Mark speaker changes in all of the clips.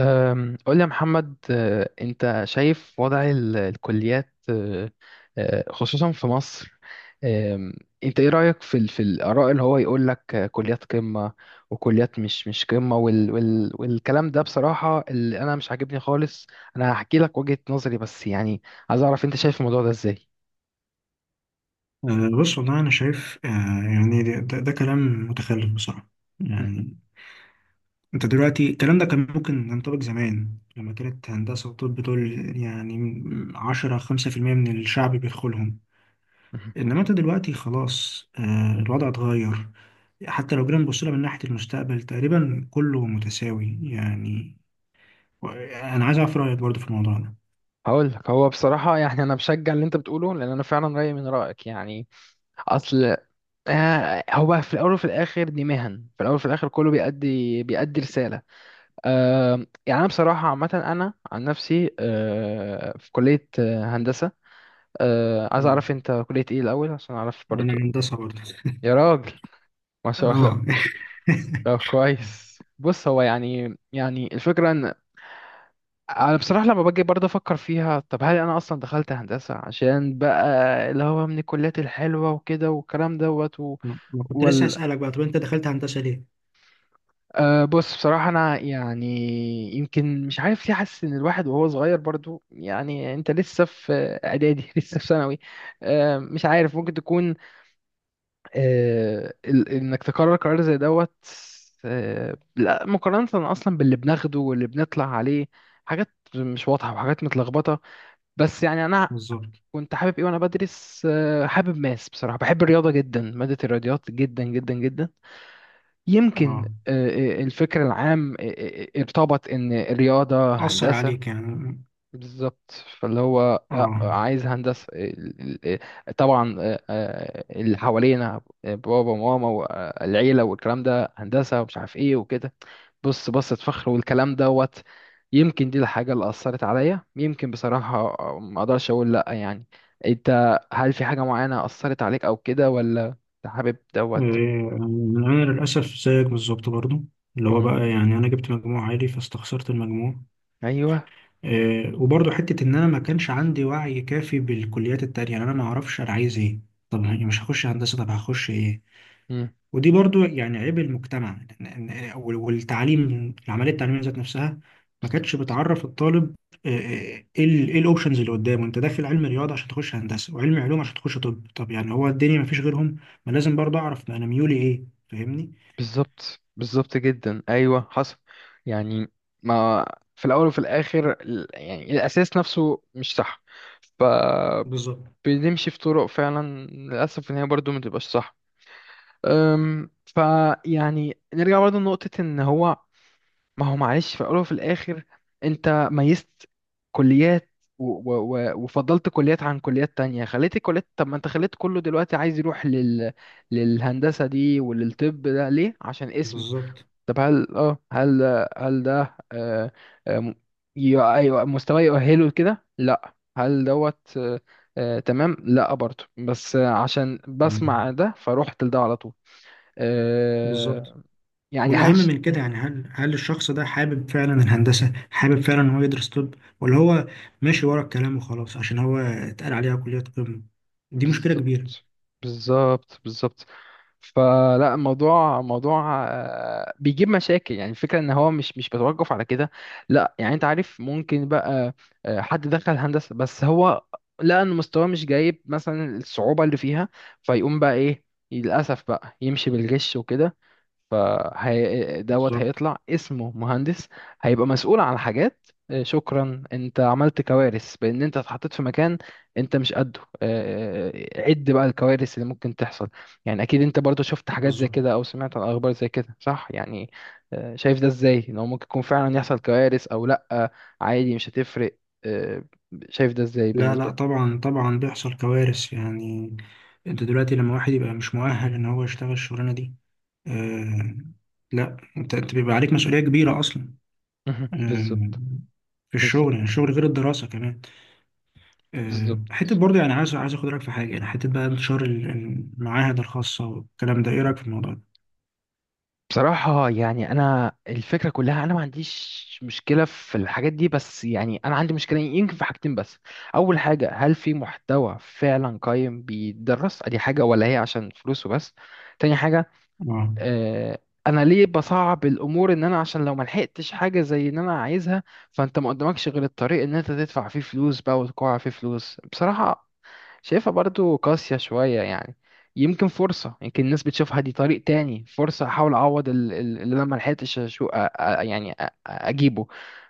Speaker 1: قول لي يا محمد، انت شايف وضع الكليات، أه، أه، خصوصا في مصر. أم، انت ايه رأيك في في الآراء اللي هو يقول لك، كليات قمة وكليات مش قمة وال وال والكلام ده بصراحة اللي انا مش عاجبني خالص. انا هحكي لك وجهة نظري بس يعني عايز اعرف انت شايف الموضوع ده ازاي.
Speaker 2: بص والله أنا شايف يعني ده كلام متخلف بصراحة.
Speaker 1: مم،
Speaker 2: يعني أنت دلوقتي الكلام ده كان ممكن ينطبق زمان لما كانت هندسة وطب دول، يعني 10، 5% من الشعب بيدخلهم.
Speaker 1: مم.
Speaker 2: إنما أنت دلوقتي خلاص، الوضع اتغير. حتى لو جينا نبص لها من ناحية المستقبل تقريبا كله متساوي يعني. و- أنا عايز أعرف رأيك برضه في الموضوع ده.
Speaker 1: هقول لك، هو بصراحة يعني انا بشجع اللي انت بتقوله لان انا فعلا رأيي من رأيك يعني. اصل، هو في الاول وفي الاخر دي مهن، في الاول وفي الاخر كله بيأدي رساله. يعني انا بصراحه عامه انا عن نفسي في كليه هندسه. عايز
Speaker 2: مم.
Speaker 1: اعرف انت كليه ايه الاول عشان اعرف
Speaker 2: أنا
Speaker 1: برضو.
Speaker 2: هندسة برضه
Speaker 1: يا راجل، ما شاء الله.
Speaker 2: آه
Speaker 1: طب كويس، بص، هو يعني الفكره ان انا بصراحه لما باجي برضه افكر فيها، طب هل انا اصلا دخلت هندسه عشان بقى اللي هو من الكليات الحلوه وكده والكلام دوت و...
Speaker 2: ما كنت لسه أسألك بقى، طب أنت دخلت هندسة ليه؟
Speaker 1: بص بصراحة، أنا يعني يمكن مش عارف ليه، حاسس إن الواحد وهو صغير برضو، يعني أنت لسه في إعدادي لسه في ثانوي، مش عارف، ممكن تكون إنك تقرر قرار زي دوت، لا مقارنة أصلا باللي بناخده واللي بنطلع عليه، حاجات مش واضحة وحاجات متلخبطة. بس يعني أنا
Speaker 2: بالظبط.
Speaker 1: كنت حابب إيه وأنا بدرس، حابب ماس، بصراحة بحب الرياضة جدا، مادة الرياضيات جدا جدا جدا. يمكن،
Speaker 2: اه،
Speaker 1: الفكر العام ارتبط ان الرياضة
Speaker 2: أثر
Speaker 1: هندسة.
Speaker 2: عليك يعني.
Speaker 1: بالظبط. فاللي هو لأ،
Speaker 2: اه.
Speaker 1: عايز هندسة طبعا، اللي حوالينا، بابا وماما والعيلة والكلام ده هندسة ومش عارف ايه وكده، بص بصة فخر والكلام دوت. يمكن دي الحاجة اللي أثرت عليا، يمكن بصراحة، ما أقدرش أقول لأ يعني. أنت هل في حاجة معينة أثرت عليك أو كده، ولا أنت حابب دوت؟
Speaker 2: إيه، أنا للأسف زيك بالظبط برضو، اللي هو
Speaker 1: مم.
Speaker 2: بقى يعني أنا جبت مجموع عالي فاستخسرت المجموع.
Speaker 1: أيوه.
Speaker 2: إيه، وبرضو حتة إن أنا ما كانش عندي وعي كافي بالكليات التانية، يعني أنا ما أعرفش أنا عايز إيه. طب يعني مش هخش هندسة، طب هخش إيه؟
Speaker 1: مم.
Speaker 2: ودي برضو يعني عيب المجتمع، والتعليم العمليه التعليميه ذات نفسها ما كانتش بتعرف الطالب. إيه الاوبشنز اللي قدامه، انت داخل علم رياضه عشان تخش هندسه وعلم علوم عشان تخش طب يعني هو الدنيا ما فيش غيرهم؟ ما لازم برضو اعرف ما انا ميولي ايه، فاهمني.
Speaker 1: بالظبط، بالظبط جدا، ايوه حصل يعني. ما في الاول وفي الاخر يعني الاساس نفسه مش صح. ف
Speaker 2: بالظبط
Speaker 1: بنمشي في طرق فعلا للاسف ان هي برضو ما تبقاش صح. فيعني نرجع برضو لنقطة ان هو، ما هو معلش في الاول وفي الاخر انت ميزت كليات و وفضلت كليات عن كليات تانية، خليت الكليات، طب ما انت خليت كله دلوقتي عايز يروح للهندسة دي وللطب ده ليه؟ عشان اسم؟
Speaker 2: بالظبط.
Speaker 1: طب هل هل ده آه م- ايوه مستواه يؤهله لكده؟ لا، هل دوت تمام، لا برضه، بس عشان
Speaker 2: مم.
Speaker 1: بسمع ده فروحت لده على طول.
Speaker 2: بالظبط.
Speaker 1: آه يعني
Speaker 2: والاهم
Speaker 1: هل ش...
Speaker 2: من
Speaker 1: م.
Speaker 2: كده يعني هل الشخص ده حابب فعلا الهندسه، حابب فعلا ان هو يدرس طب، ولا هو ماشي ورا الكلام وخلاص عشان هو اتقال عليها كليه قمه. دي مشكله كبيره.
Speaker 1: بالظبط، بالظبط، بالظبط. فلا، الموضوع موضوع بيجيب مشاكل، يعني الفكرة ان هو مش بتوقف على كده. لا يعني انت عارف، ممكن بقى حد دخل هندسة بس هو لقى ان مستواه مش جايب مثلا الصعوبة اللي فيها، فيقوم بقى ايه؟ للأسف بقى يمشي بالغش وكده، فهي دوت
Speaker 2: بالظبط
Speaker 1: هيطلع اسمه مهندس، هيبقى مسؤول عن حاجات. شكرا، انت عملت كوارث بان انت اتحطيت في مكان انت مش قده. عد بقى الكوارث اللي ممكن تحصل. يعني اكيد انت برضو شفت حاجات زي
Speaker 2: بالظبط.
Speaker 1: كده او سمعت عن اخبار زي كده صح يعني. شايف ده ازاي؟ ان هو ممكن يكون فعلا يحصل كوارث او لا، عادي مش هتفرق. آه، شايف ده ازاي
Speaker 2: لا
Speaker 1: بالنسبة
Speaker 2: لا،
Speaker 1: لك؟
Speaker 2: طبعا طبعا بيحصل كوارث يعني. انت دلوقتي لما واحد يبقى مش مؤهل ان هو يشتغل الشغلانه دي، آه، لا انت بيبقى عليك مسؤوليه كبيره اصلا.
Speaker 1: مهم.
Speaker 2: آه،
Speaker 1: بالظبط،
Speaker 2: في
Speaker 1: بالظبط،
Speaker 2: الشغل يعني الشغل غير الدراسه كمان. آه،
Speaker 1: بالظبط.
Speaker 2: حته برضه يعني عايز اخد رايك في حاجه، يعني حته بقى انتشار المعاهد الخاصه والكلام ده، ايه رايك في الموضوع ده؟
Speaker 1: بصراحة يعني أنا الفكرة كلها، أنا ما عنديش مشكلة في الحاجات دي، بس يعني أنا عندي مشكلة يمكن في حاجتين بس. أول حاجة، هل في محتوى فعلا قايم بيدرس أدي حاجة، ولا هي عشان فلوسه بس؟ تاني حاجة،
Speaker 2: اه.
Speaker 1: آه، انا ليه بصعب الامور؟ ان انا عشان لو ما لحقتش حاجه زي ان انا عايزها، فانت ما قدامكش غير الطريق ان انت تدفع فيه فلوس بقى، وتقع فيه فلوس بصراحه. شايفها برضو قاسيه شويه يعني. يمكن فرصه، يمكن الناس بتشوفها دي طريق تاني، فرصه احاول اعوض اللي انا ما لحقتش يعني اجيبه.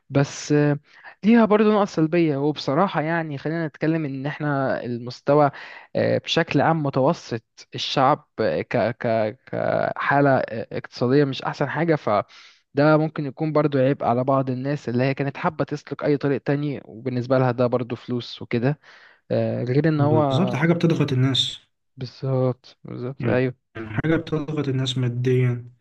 Speaker 1: بس ليها برضه نقط سلبية. وبصراحة يعني خلينا نتكلم إن إحنا المستوى بشكل عام متوسط. الشعب آه، ك ك كحالة اقتصادية مش أحسن حاجة، فده ممكن يكون برضه عيب على بعض الناس اللي هي كانت حابة تسلك أي طريق تاني، وبالنسبة لها ده برضه فلوس وكده. غير إن
Speaker 2: بالظبط،
Speaker 1: هو،
Speaker 2: حاجه
Speaker 1: مم،
Speaker 2: بتضغط الناس
Speaker 1: بالظبط، بالظبط،
Speaker 2: يعني.
Speaker 1: أيوه.
Speaker 2: حاجه بتضغط الناس ماديا.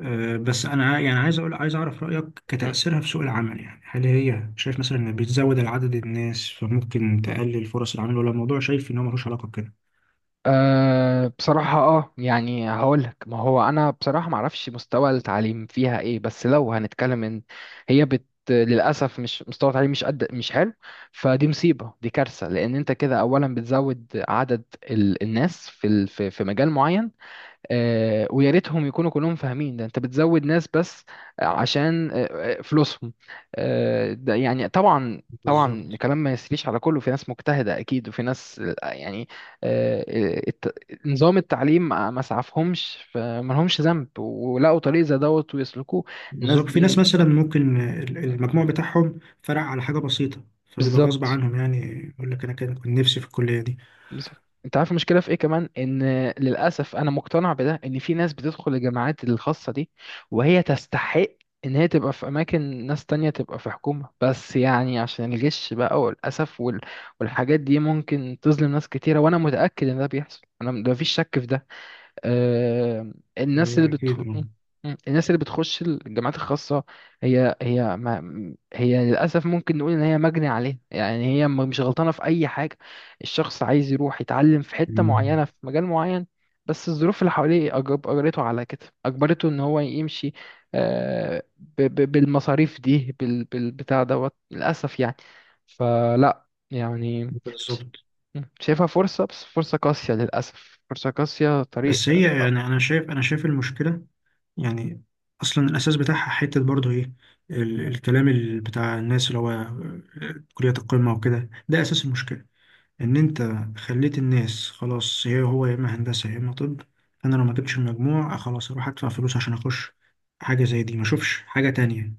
Speaker 2: بس انا يعني عايز اعرف رايك كتاثيرها في سوق العمل، يعني هل هي شايف مثلا ان بتزود العدد الناس فممكن تقلل فرص العمل، ولا الموضوع شايف ان هو ملوش علاقه بكده؟
Speaker 1: بصراحة، يعني هقولك، ما هو أنا بصراحة معرفش مستوى التعليم فيها ايه، بس لو هنتكلم ان هي للأسف مش، مستوى التعليم مش قد، مش حلو. فدي مصيبة، دي كارثة، لأن انت كده أولا بتزود عدد الناس في في مجال معين. ويا ريتهم يكونوا كلهم فاهمين، ده انت بتزود ناس بس عشان فلوسهم. ده يعني طبعا طبعا،
Speaker 2: بالظبط
Speaker 1: الكلام ما يسريش على كله، في ناس مجتهدة أكيد، وفي ناس يعني آه، آه، الت- نظام التعليم ما سعفهمش، فما لهمش ذنب ولقوا طريق زي دوت ويسلكوه. الناس
Speaker 2: بالظبط، في ناس
Speaker 1: دي،
Speaker 2: مثلا ممكن
Speaker 1: آه،
Speaker 2: المجموع بتاعهم فرق على حاجه بسيطه. فبيبقى غصب
Speaker 1: بالظبط.
Speaker 2: عنهم يعني، يقول لك انا كنت نفسي في الكليه دي.
Speaker 1: بالظبط، انت عارف المشكله في ايه كمان؟ ان للاسف انا مقتنع بده، ان في ناس بتدخل الجامعات الخاصه دي وهي تستحق ان هي تبقى في اماكن، ناس تانية تبقى في حكومه، بس يعني عشان الجيش بقى والاسف والحاجات دي ممكن تظلم ناس كتيره، وانا متاكد ان ده بيحصل، انا ده مفيش شك في ده. آه، الناس اللي
Speaker 2: ايوه اكيد. آه.
Speaker 1: الناس اللي بتخش الجامعات الخاصة، هي ما... هي للأسف ممكن نقول إن هي مجني عليها، يعني هي مش غلطانة في أي حاجة. الشخص عايز يروح يتعلم في حتة
Speaker 2: مم.
Speaker 1: معينة في مجال معين، بس الظروف اللي حواليه أجبرته على كده، أجبرته إن هو يمشي بالمصاريف دي بالبتاع دوت للأسف يعني. فلا يعني
Speaker 2: بالظبط.
Speaker 1: شايفها فرصة، بس فرصة قاسية للأسف، فرصة قاسية، طريق.
Speaker 2: بس هي يعني انا شايف المشكله، يعني اصلا الاساس بتاعها حته برضه ايه، الكلام بتاع الناس اللي هو كليه القمه وكده، ده اساس المشكله. ان انت خليت الناس خلاص، هي هو يا اما هندسه يا اما طب. انا لو ما جبتش المجموع خلاص اروح ادفع فلوس عشان اخش حاجه زي دي، ما اشوفش حاجه تانية.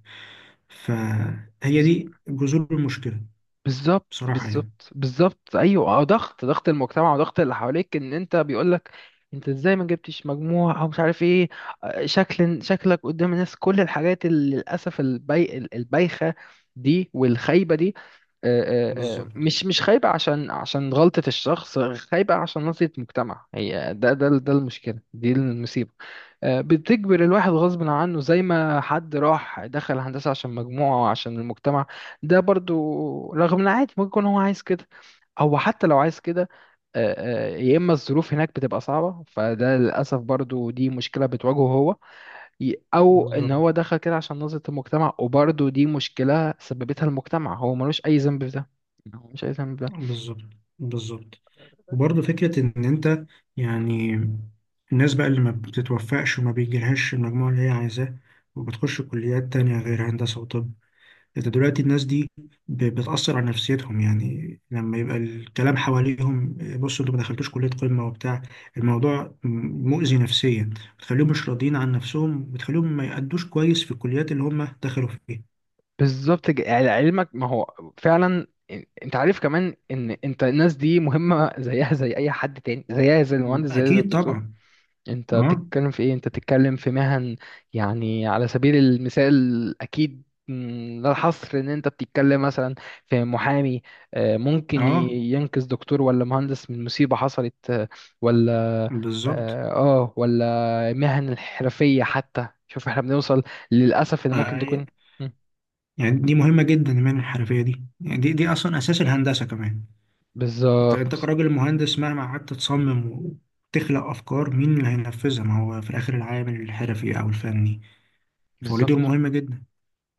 Speaker 2: فهي
Speaker 1: بز-
Speaker 2: دي جذور المشكله.
Speaker 1: بالظبط،
Speaker 2: بصراحه يعني.
Speaker 1: بالظبط، بالظبط، أيوة. ضغط المجتمع وضغط اللي حواليك، إن أنت بيقولك أنت إزاي ما جبتش مجموع، أو مش عارف إيه. شكلك قدام الناس، كل الحاجات اللي للأسف البايخة دي والخايبة دي،
Speaker 2: بالظبط
Speaker 1: مش خايبة عشان، عشان غلطة الشخص، خايبة عشان نظرة المجتمع، هي ده المشكلة دي، المصيبة بتجبر الواحد غصب عنه. زي ما حد راح دخل هندسة عشان مجموعة وعشان المجتمع، ده برضو رغم ان عادي ممكن يكون هو عايز كده. هو حتى لو عايز كده، يا اما الظروف هناك بتبقى صعبة، فده للأسف برضو دي مشكلة بتواجهه هو، او ان
Speaker 2: بالظبط
Speaker 1: هو دخل كده عشان نظرة المجتمع، وبرضو دي مشكلة سببتها المجتمع، هو ملوش اي ذنب في ده، هو مش اي ذنب.
Speaker 2: بالظبط بالظبط. وبرضه فكرة إن أنت، يعني الناس بقى اللي ما بتتوفقش وما بيجيلهاش المجموع اللي هي عايزاه وبتخش كليات تانية غير هندسة وطب. أنت دلوقتي الناس دي بتأثر على نفسيتهم، يعني لما يبقى الكلام حواليهم بصوا أنتوا ما دخلتوش كلية قمة وبتاع، الموضوع مؤذي نفسيا. بتخليهم مش راضيين عن نفسهم، بتخليهم ما يأدوش كويس في الكليات اللي هم دخلوا فيها.
Speaker 1: بالظبط يعني علمك، ما هو فعلا انت عارف كمان ان انت الناس دي مهمة زيها زي اي حد تاني، زيها زي المهندس، زيها زي
Speaker 2: أكيد
Speaker 1: الدكتور.
Speaker 2: طبعا.
Speaker 1: انت
Speaker 2: أه.
Speaker 1: بتتكلم في ايه، انت بتتكلم في مهن يعني. على سبيل المثال اكيد، لا الحصر، ان انت بتتكلم مثلا في محامي ممكن
Speaker 2: أه.
Speaker 1: ينقذ دكتور ولا مهندس من مصيبة حصلت ولا
Speaker 2: بالظبط.
Speaker 1: اه. ولا مهن الحرفية حتى، شوف احنا بنوصل للأسف ان ممكن
Speaker 2: آه،
Speaker 1: تكون م،
Speaker 2: يعني دي مهمة جدا من الحرفية دي، يعني دي أصلا أساس الهندسة كمان. أنت
Speaker 1: بالظبط،
Speaker 2: كراجل مهندس مهما قعدت تصمم وتخلق أفكار، مين اللي هينفذها؟ ما هو في الآخر العامل الحرفي أو الفني، فهو دي
Speaker 1: بالظبط.
Speaker 2: مهمة جدا.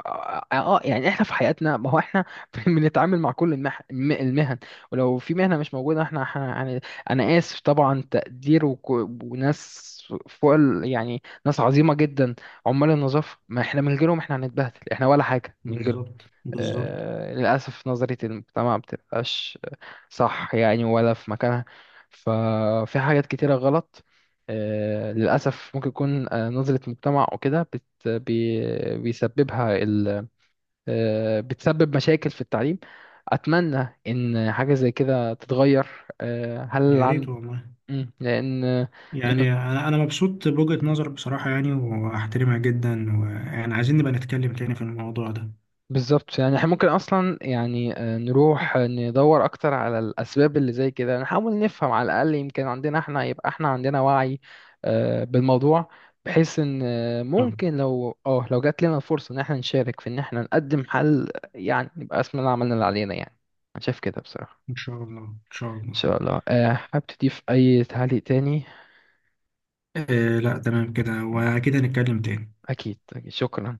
Speaker 1: اه، يعني احنا في حياتنا ما هو احنا بنتعامل مع كل المهن. ولو في مهنة مش موجودة احنا يعني انا اسف طبعا، تقدير وناس فوق يعني ناس عظيمة جدا. عمال النظافة، ما احنا من غيرهم احنا هنتبهدل، احنا ولا حاجة من غيرهم.
Speaker 2: بالظبط بالظبط.
Speaker 1: للأسف نظرية المجتمع ما بتبقاش صح يعني، ولا في مكانها، ففي حاجات كتيرة غلط. للأسف ممكن يكون نظرة مجتمع وكده بيسببها ال، بتسبب مشاكل في التعليم. أتمنى إن حاجة زي كده تتغير. هل
Speaker 2: يا ريت
Speaker 1: عن،
Speaker 2: والله.
Speaker 1: مم، لأن
Speaker 2: يعني أنا مبسوط بوجهة نظرك بصراحة، يعني وأحترمها جدا، ويعني عايزين نبقى نتكلم تاني في الموضوع ده.
Speaker 1: بالظبط، يعني احنا ممكن اصلا يعني نروح ندور اكتر على الاسباب اللي زي كده، نحاول نفهم على الاقل، يمكن عندنا احنا يبقى احنا عندنا وعي بالموضوع، بحيث ان
Speaker 2: طب
Speaker 1: ممكن لو لو جات لنا الفرصة ان احنا نشارك في ان احنا نقدم حل يعني، يبقى اسمنا عملنا اللي علينا يعني. انا شايف كده بصراحة.
Speaker 2: إن شاء الله إن شاء
Speaker 1: ان
Speaker 2: الله.
Speaker 1: شاء الله، حابب تضيف اي تعليق تاني؟
Speaker 2: إيه لا تمام كده،
Speaker 1: مم.
Speaker 2: وأكيد هنتكلم تاني.
Speaker 1: اكيد، أكيد. شكرا.